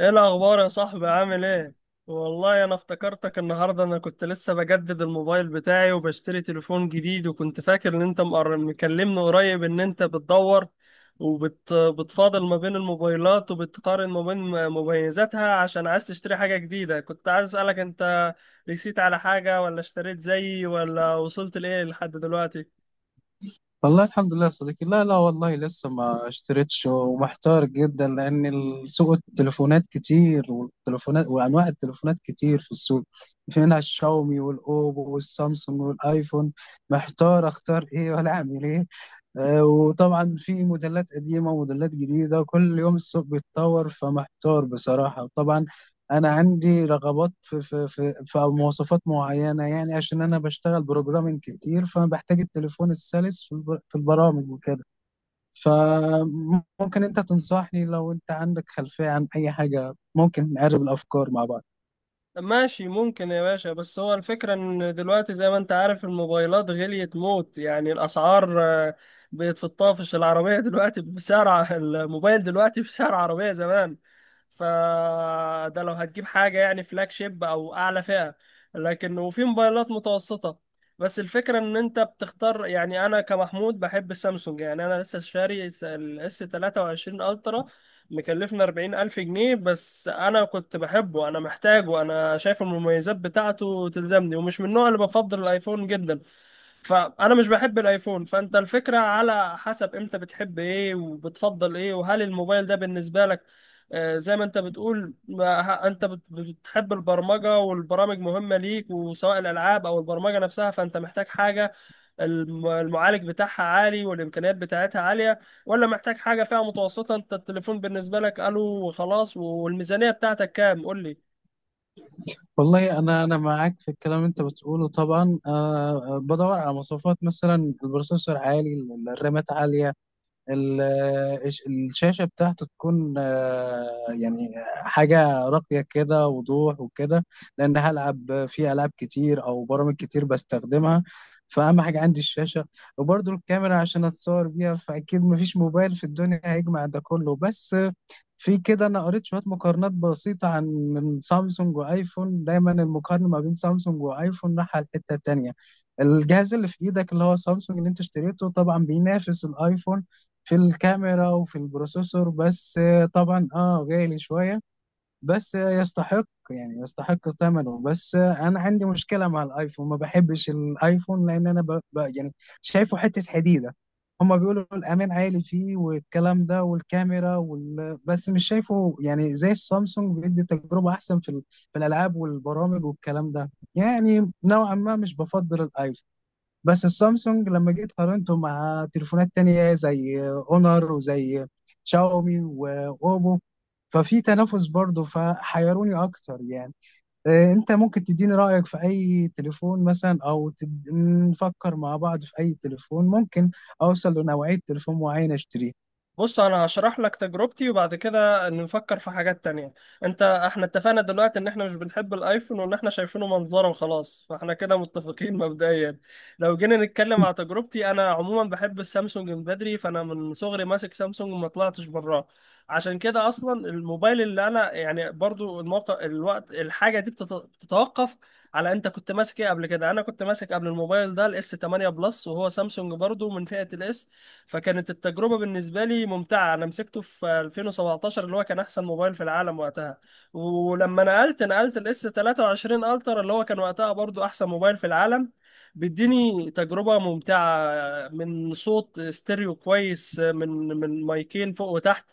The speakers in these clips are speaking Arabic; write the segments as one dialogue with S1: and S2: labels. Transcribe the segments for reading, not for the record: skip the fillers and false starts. S1: ايه الاخبار يا صاحبي؟ عامل ايه؟ والله انا افتكرتك النهارده. انا كنت لسه بجدد الموبايل بتاعي وبشتري تليفون جديد، وكنت فاكر ان انت مكلمني قريب ان انت بتدور وبتفاضل ما بين الموبايلات وبتقارن ما بين مميزاتها عشان عايز تشتري حاجة جديدة. كنت عايز اسألك، انت رسيت على حاجة ولا اشتريت زيي، ولا وصلت لايه لحد دلوقتي؟
S2: والله الحمد لله يا صديقي. لا والله لسه ما اشتريتش ومحتار جدا، لان السوق التليفونات كتير، والتليفونات وانواع التليفونات كتير في السوق. في منها الشاومي والاوبو والسامسونج والايفون. محتار اختار ايه ولا اعمل ايه؟ وطبعا في موديلات قديمة وموديلات جديدة، كل يوم السوق بيتطور، فمحتار بصراحة طبعا. أنا عندي رغبات في مواصفات معينة، يعني عشان أنا بشتغل بروجرامينج كتير، فأنا بحتاج التليفون السلس في في البرامج وكده. فممكن أنت تنصحني لو أنت عندك خلفية عن أي حاجة ممكن نقرب الأفكار مع بعض.
S1: ماشي ممكن يا باشا، بس هو الفكرة ان دلوقتي زي ما انت عارف الموبايلات غليت موت، يعني الاسعار بقت في الطافش. العربية دلوقتي الموبايل دلوقتي بسعر عربية زمان. فده لو هتجيب حاجة يعني فلاج شيب أو أعلى فئة. لكن وفي موبايلات متوسطة، بس الفكرة إن أنت بتختار. يعني أنا كمحمود بحب السامسونج، يعني أنا لسه شاري الاس 23 ألترا، مكلفنا 40,000 جنيه، بس أنا كنت بحبه، أنا محتاجه، أنا شايف المميزات بتاعته تلزمني ومش من النوع اللي بفضل الأيفون جدا. فانا مش بحب الايفون. فانت الفكره على حسب امتى بتحب ايه وبتفضل ايه، وهل الموبايل ده بالنسبه لك زي ما انت بتقول، ما ه- انت بت- بتحب البرمجه والبرامج مهمه ليك، وسواء الالعاب او البرمجه نفسها، فانت محتاج حاجه المعالج بتاعها عالي والامكانيات بتاعتها عاليه، ولا محتاج حاجه فيها متوسطه؟ انت التليفون بالنسبه لك الو وخلاص؟ والميزانيه بتاعتك كام؟ قول لي.
S2: والله أنا معاك في الكلام اللي أنت بتقوله طبعا، أه. بدور على مواصفات، مثلا البروسيسور عالي، الرامات عالية، ال- الشاشة بتاعته تكون يعني حاجة راقية كده، وضوح وكده، لأن هلعب في ألعاب كتير أو برامج كتير بستخدمها، فأهم حاجة عندي الشاشة، وبرضو الكاميرا عشان أتصور بيها. فأكيد مفيش موبايل في الدنيا هيجمع ده كله. بس في كده، انا قريت شويه مقارنات بسيطه، عن من سامسونج وايفون، دايما المقارنه ما بين سامسونج وايفون راح على الحته التانيه. الجهاز اللي في ايدك اللي هو سامسونج اللي انت اشتريته طبعا بينافس الايفون في الكاميرا وفي البروسيسور، بس طبعا اه غالي شويه، بس يستحق، يعني يستحق ثمنه. بس انا عندي مشكله مع الايفون، ما بحبش الايفون لان انا يعني شايفه حته حديده. هما بيقولوا الامان عالي فيه والكلام ده والكاميرا بس مش شايفه، يعني زي السامسونج بيدي تجربه احسن في, ال... في الالعاب والبرامج والكلام ده، يعني نوعا ما مش بفضل الايفون. بس السامسونج لما جيت قارنته مع تليفونات تانية، زي اونر وزي شاومي واوبو، ففي تنافس برضه، فحيروني اكتر يعني. انت ممكن تديني رأيك في اي تليفون مثلا، او نفكر مع بعض في اي تليفون ممكن اوصل لنوعية تليفون معين اشتريه.
S1: بص انا هشرح لك تجربتي وبعد كده نفكر في حاجات تانية. انت احنا اتفقنا دلوقتي ان احنا مش بنحب الايفون وان احنا شايفينه منظره وخلاص، فاحنا كده متفقين مبدئيا. لو جينا نتكلم على تجربتي، انا عموما بحب السامسونج من بدري، فانا من صغري ماسك سامسونج وما طلعتش براه. عشان كده اصلا الموبايل اللي انا، يعني برضو الموقع الوقت، الحاجة دي بتتوقف على انت كنت ماسك ايه قبل كده. انا كنت ماسك قبل الموبايل ده الاس 8 بلس، وهو سامسونج برضو من فئة الاس، فكانت التجربة بالنسبة لي ممتعة. أنا مسكته في 2017، اللي هو كان أحسن موبايل في العالم وقتها. ولما نقلت الاس 23 الترا، اللي هو كان وقتها برضو أحسن موبايل في العالم، بيديني تجربة ممتعة، من صوت ستيريو كويس، من مايكين فوق وتحت،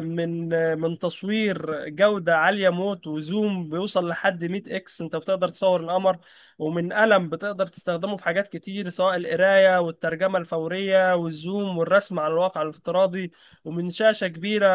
S1: من من تصوير جودة عالية موت وزوم بيوصل لحد 100 اكس، انت بتقدر تصور القمر، ومن قلم بتقدر تستخدمه في حاجات كتير سواء القراية والترجمة الفورية والزوم والرسم على الواقع الافتراضي، ومن شاشة كبيرة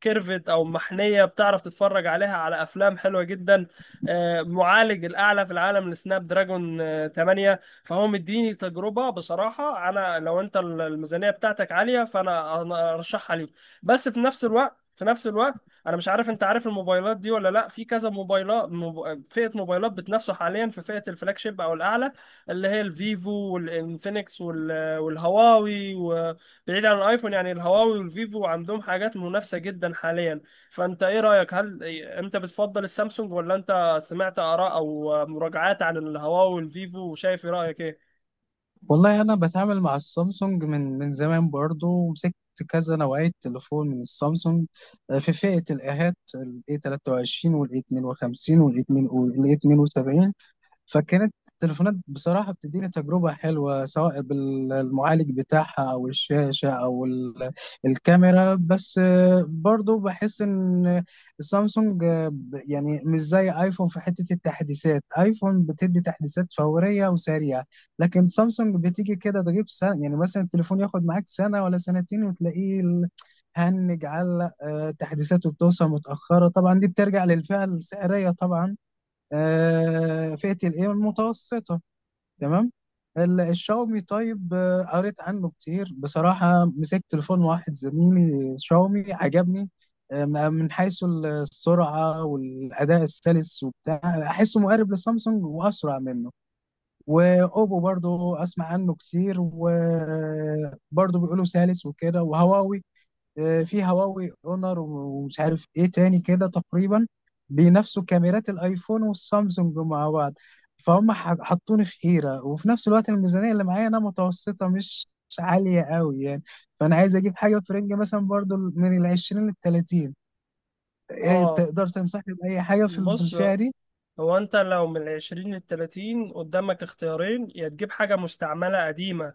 S1: كيرفت أو محنية بتعرف تتفرج عليها على أفلام حلوة جدا. معالج الأعلى في العالم لسناب دراجون 8، فهو مديني تجربة بصراحة. أنا لو أنت الميزانية بتاعتك عالية فأنا أنا أرشحها ليك. بس في نفس الوقت، انا مش عارف انت عارف الموبايلات دي ولا لا. في كذا موبايلات، فئه موبايلات بتنافسوا حاليا في فئه الفلاج شيب او الاعلى، اللي هي الفيفو والانفينكس والهواوي. وبعيد عن الايفون، يعني الهواوي والفيفو عندهم حاجات منافسه جدا حاليا. فانت ايه رايك؟ هل انت بتفضل السامسونج، ولا انت سمعت اراء او مراجعات عن الهواوي والفيفو وشايف، ايه رايك ايه؟
S2: والله انا بتعامل مع السامسونج من زمان برضو، ومسكت كذا نوعية تليفون من السامسونج. في فئة الآهات، ال A23 وال A52 وال A72. فكانت التليفونات بصراحة بتديني تجربة حلوة، سواء بالمعالج بتاعها أو الشاشة أو الكاميرا. بس برضو بحس إن سامسونج، يعني مش زي آيفون في حتة التحديثات. آيفون بتدي تحديثات فورية وسريعة، لكن سامسونج بتيجي كده تجيب سنة، يعني مثلا التليفون ياخد معاك سنة ولا سنتين وتلاقيه هنج علق، تحديثاته بتوصل متأخرة. طبعا دي بترجع للفئة السعرية طبعا. فئة الايه المتوسطة. تمام. الشاومي، طيب، قريت عنه كتير بصراحة، مسكت تليفون واحد زميلي شاومي عجبني، من حيث السرعة والأداء السلس وبتاع، أحسه مقارب لسامسونج وأسرع منه. وأوبو برضو أسمع عنه كتير، وبرضو بيقولوا سلس وكده. وهواوي، في هواوي اونر، ومش عارف ايه تاني كده تقريبا، بينافسوا كاميرات الايفون والسامسونج مع بعض. فهم حطوني في حيرة. وفي نفس الوقت الميزانية اللي معايا انا متوسطة، مش عالية قوي يعني. فانا عايز اجيب حاجة في رينج مثلا، برضو من 20 للـ30. إيه
S1: اه،
S2: تقدر تنصحني بأي حاجة في في
S1: بص.
S2: الفئة دي؟
S1: هو انت لو من العشرين للتلاتين، قدامك اختيارين. يا تجيب حاجة مستعملة قديمة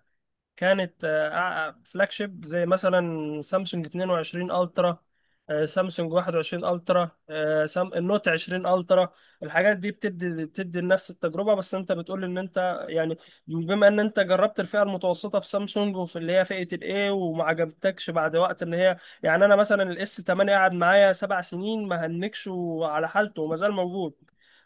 S1: كانت فلاج شيب، زي مثلا سامسونج 22 الترا، سامسونج 21 الترا، النوت 20 الترا. الحاجات دي بتدي نفس التجربه. بس انت بتقول ان انت، يعني بما ان انت جربت الفئه المتوسطه في سامسونج، وفي اللي هي فئه الاي وما عجبتكش بعد وقت ان هي، يعني انا مثلا الاس 8 قعد معايا 7 سنين ما هنكش وعلى حالته وما زال موجود،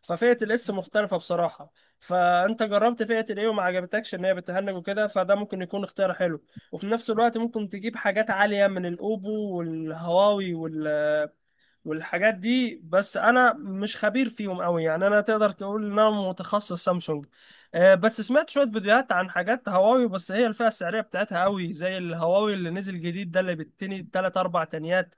S1: ففئه الاس مختلفه بصراحه. فانت جربت فئه الايه وما عجبتكش ان هي بتهنج وكده، فده ممكن يكون اختيار حلو. وفي نفس الوقت ممكن تجيب حاجات عاليه من الاوبو والهواوي والحاجات دي، بس انا مش خبير فيهم قوي يعني. انا تقدر تقول ان انا متخصص سامسونج. بس سمعت شويه فيديوهات عن حاجات هواوي. بس هي الفئه السعريه بتاعتها قوي، زي الهواوي اللي نزل جديد ده اللي بتني 3 4 تنيات،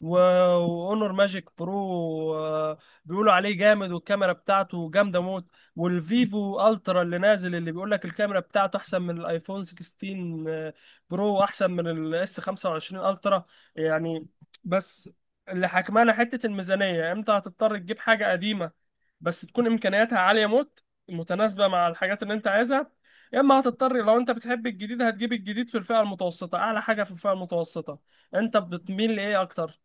S1: واونر ماجيك برو، بيقولوا عليه جامد والكاميرا بتاعته جامده موت. والفيفو الترا اللي نازل، اللي بيقول لك الكاميرا بتاعته احسن من الايفون 16 برو، احسن من الاس 25 الترا، يعني. بس اللي حكمانا حته الميزانيه. امتى هتضطر تجيب حاجه قديمه بس تكون امكانياتها عاليه موت متناسبه مع الحاجات اللي انت عايزها؟ يا اما هتضطر، لو انت بتحب الجديد، هتجيب الجديد في الفئه المتوسطه، اعلى حاجه في الفئه المتوسطه. انت بتميل لايه اكتر؟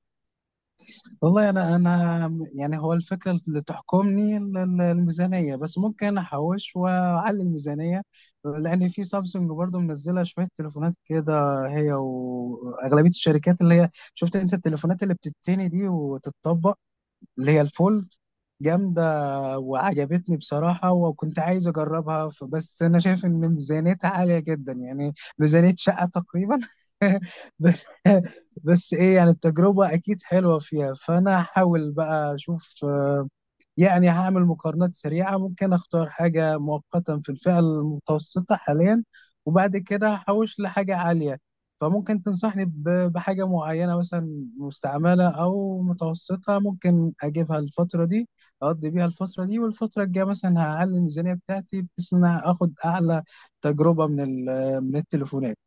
S2: والله انا يعني هو الفكره اللي تحكمني الميزانيه، بس ممكن احوش واعلي الميزانيه، لان في سامسونج برضو منزله شويه تليفونات كده، هي واغلبيه الشركات اللي هي، شفت انت التليفونات اللي بتتني دي وتتطبق، اللي هي الفولد، جامده وعجبتني بصراحة، وكنت عايز أجربها، بس أنا شايف إن ميزانيتها عالية جدا، يعني ميزانية شقة تقريبا. ب- بس إيه، يعني التجربة أكيد حلوة فيها. فأنا هحاول بقى أشوف، يعني هعمل مقارنات سريعة، ممكن أختار حاجة مؤقتا في الفئة المتوسطة حاليا، وبعد كده هحوش لحاجة عالية. فممكن تنصحني بحاجة معينة، مثلا مستعملة أو متوسطة، ممكن أجيبها الفترة دي، أقضي بيها الفترة دي، والفترة الجاية مثلا هعلي الميزانية بتاعتي، بحيث إن أنا آخد أعلى تجربة من من التليفونات.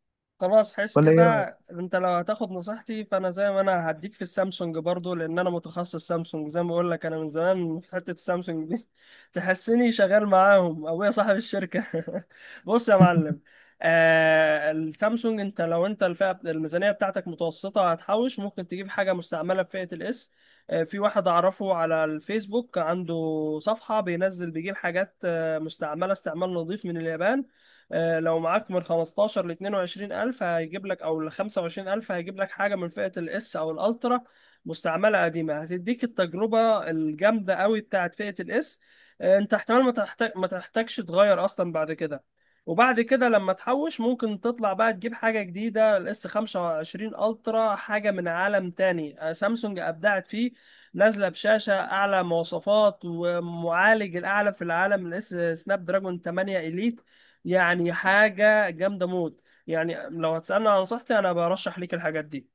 S1: خلاص، حس
S2: ولا
S1: كده.
S2: إيه رأيك؟
S1: انت لو هتاخد نصيحتي، فانا زي ما انا هديك في السامسونج برضو، لان انا متخصص سامسونج زي ما بقول لك، انا من زمان في حتة السامسونج دي تحسني شغال معاهم ابويا صاحب الشركة بص يا معلم، آه السامسونج. انت لو انت الفئة الميزانية بتاعتك متوسطة، هتحوش، ممكن تجيب حاجة مستعملة في فئة الاس. آه في واحد اعرفه على الفيسبوك عنده صفحة بينزل، بيجيب حاجات مستعملة استعمال نظيف من اليابان. لو معاك من 15 ل 22 ألف هيجيب لك، أو ل 25 ألف هيجيب لك حاجة من فئة الإس أو الألترا مستعملة قديمة، هتديك التجربة الجامدة قوي بتاعت فئة الإس. أنت احتمال ما تحتاجش تغير أصلا بعد كده. وبعد كده لما تحوش، ممكن تطلع بقى تجيب حاجة جديدة، الاس 25 الترا، حاجة من عالم تاني. سامسونج أبدعت فيه، نازلة بشاشة أعلى مواصفات ومعالج الأعلى في العالم، الاس سناب دراجون 8 إليت، يعني حاجة جامدة موت. يعني لو هتسألني عن نصيحتي، أنا برشح ليك الحاجات دي.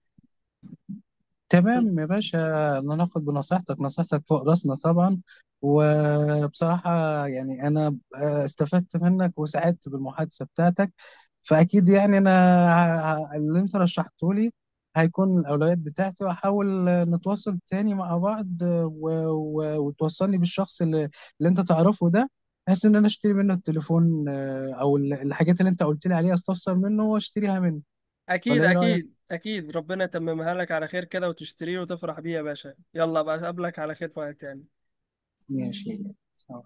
S2: تمام يا باشا، ناخد بنصيحتك، نصيحتك فوق راسنا طبعا. وبصراحة، يعني أنا استفدت منك وسعدت بالمحادثة بتاعتك. فأكيد يعني أنا، اللي أنت رشحته لي هيكون الأولويات بتاعتي. وأحاول نتواصل تاني مع بعض، وتوصلني بالشخص اللي أنت تعرفه ده، بحيث إن أنا أشتري منه التليفون، أو الحاجات اللي أنت قلت لي عليها أستفسر منه وأشتريها منه.
S1: أكيد
S2: ولا إيه رأيك؟
S1: أكيد أكيد، ربنا يتممها لك على خير كده وتشتريه وتفرح بيه يا باشا. يلا بقى أقابلك على خير في وقت تاني.
S2: ماشي.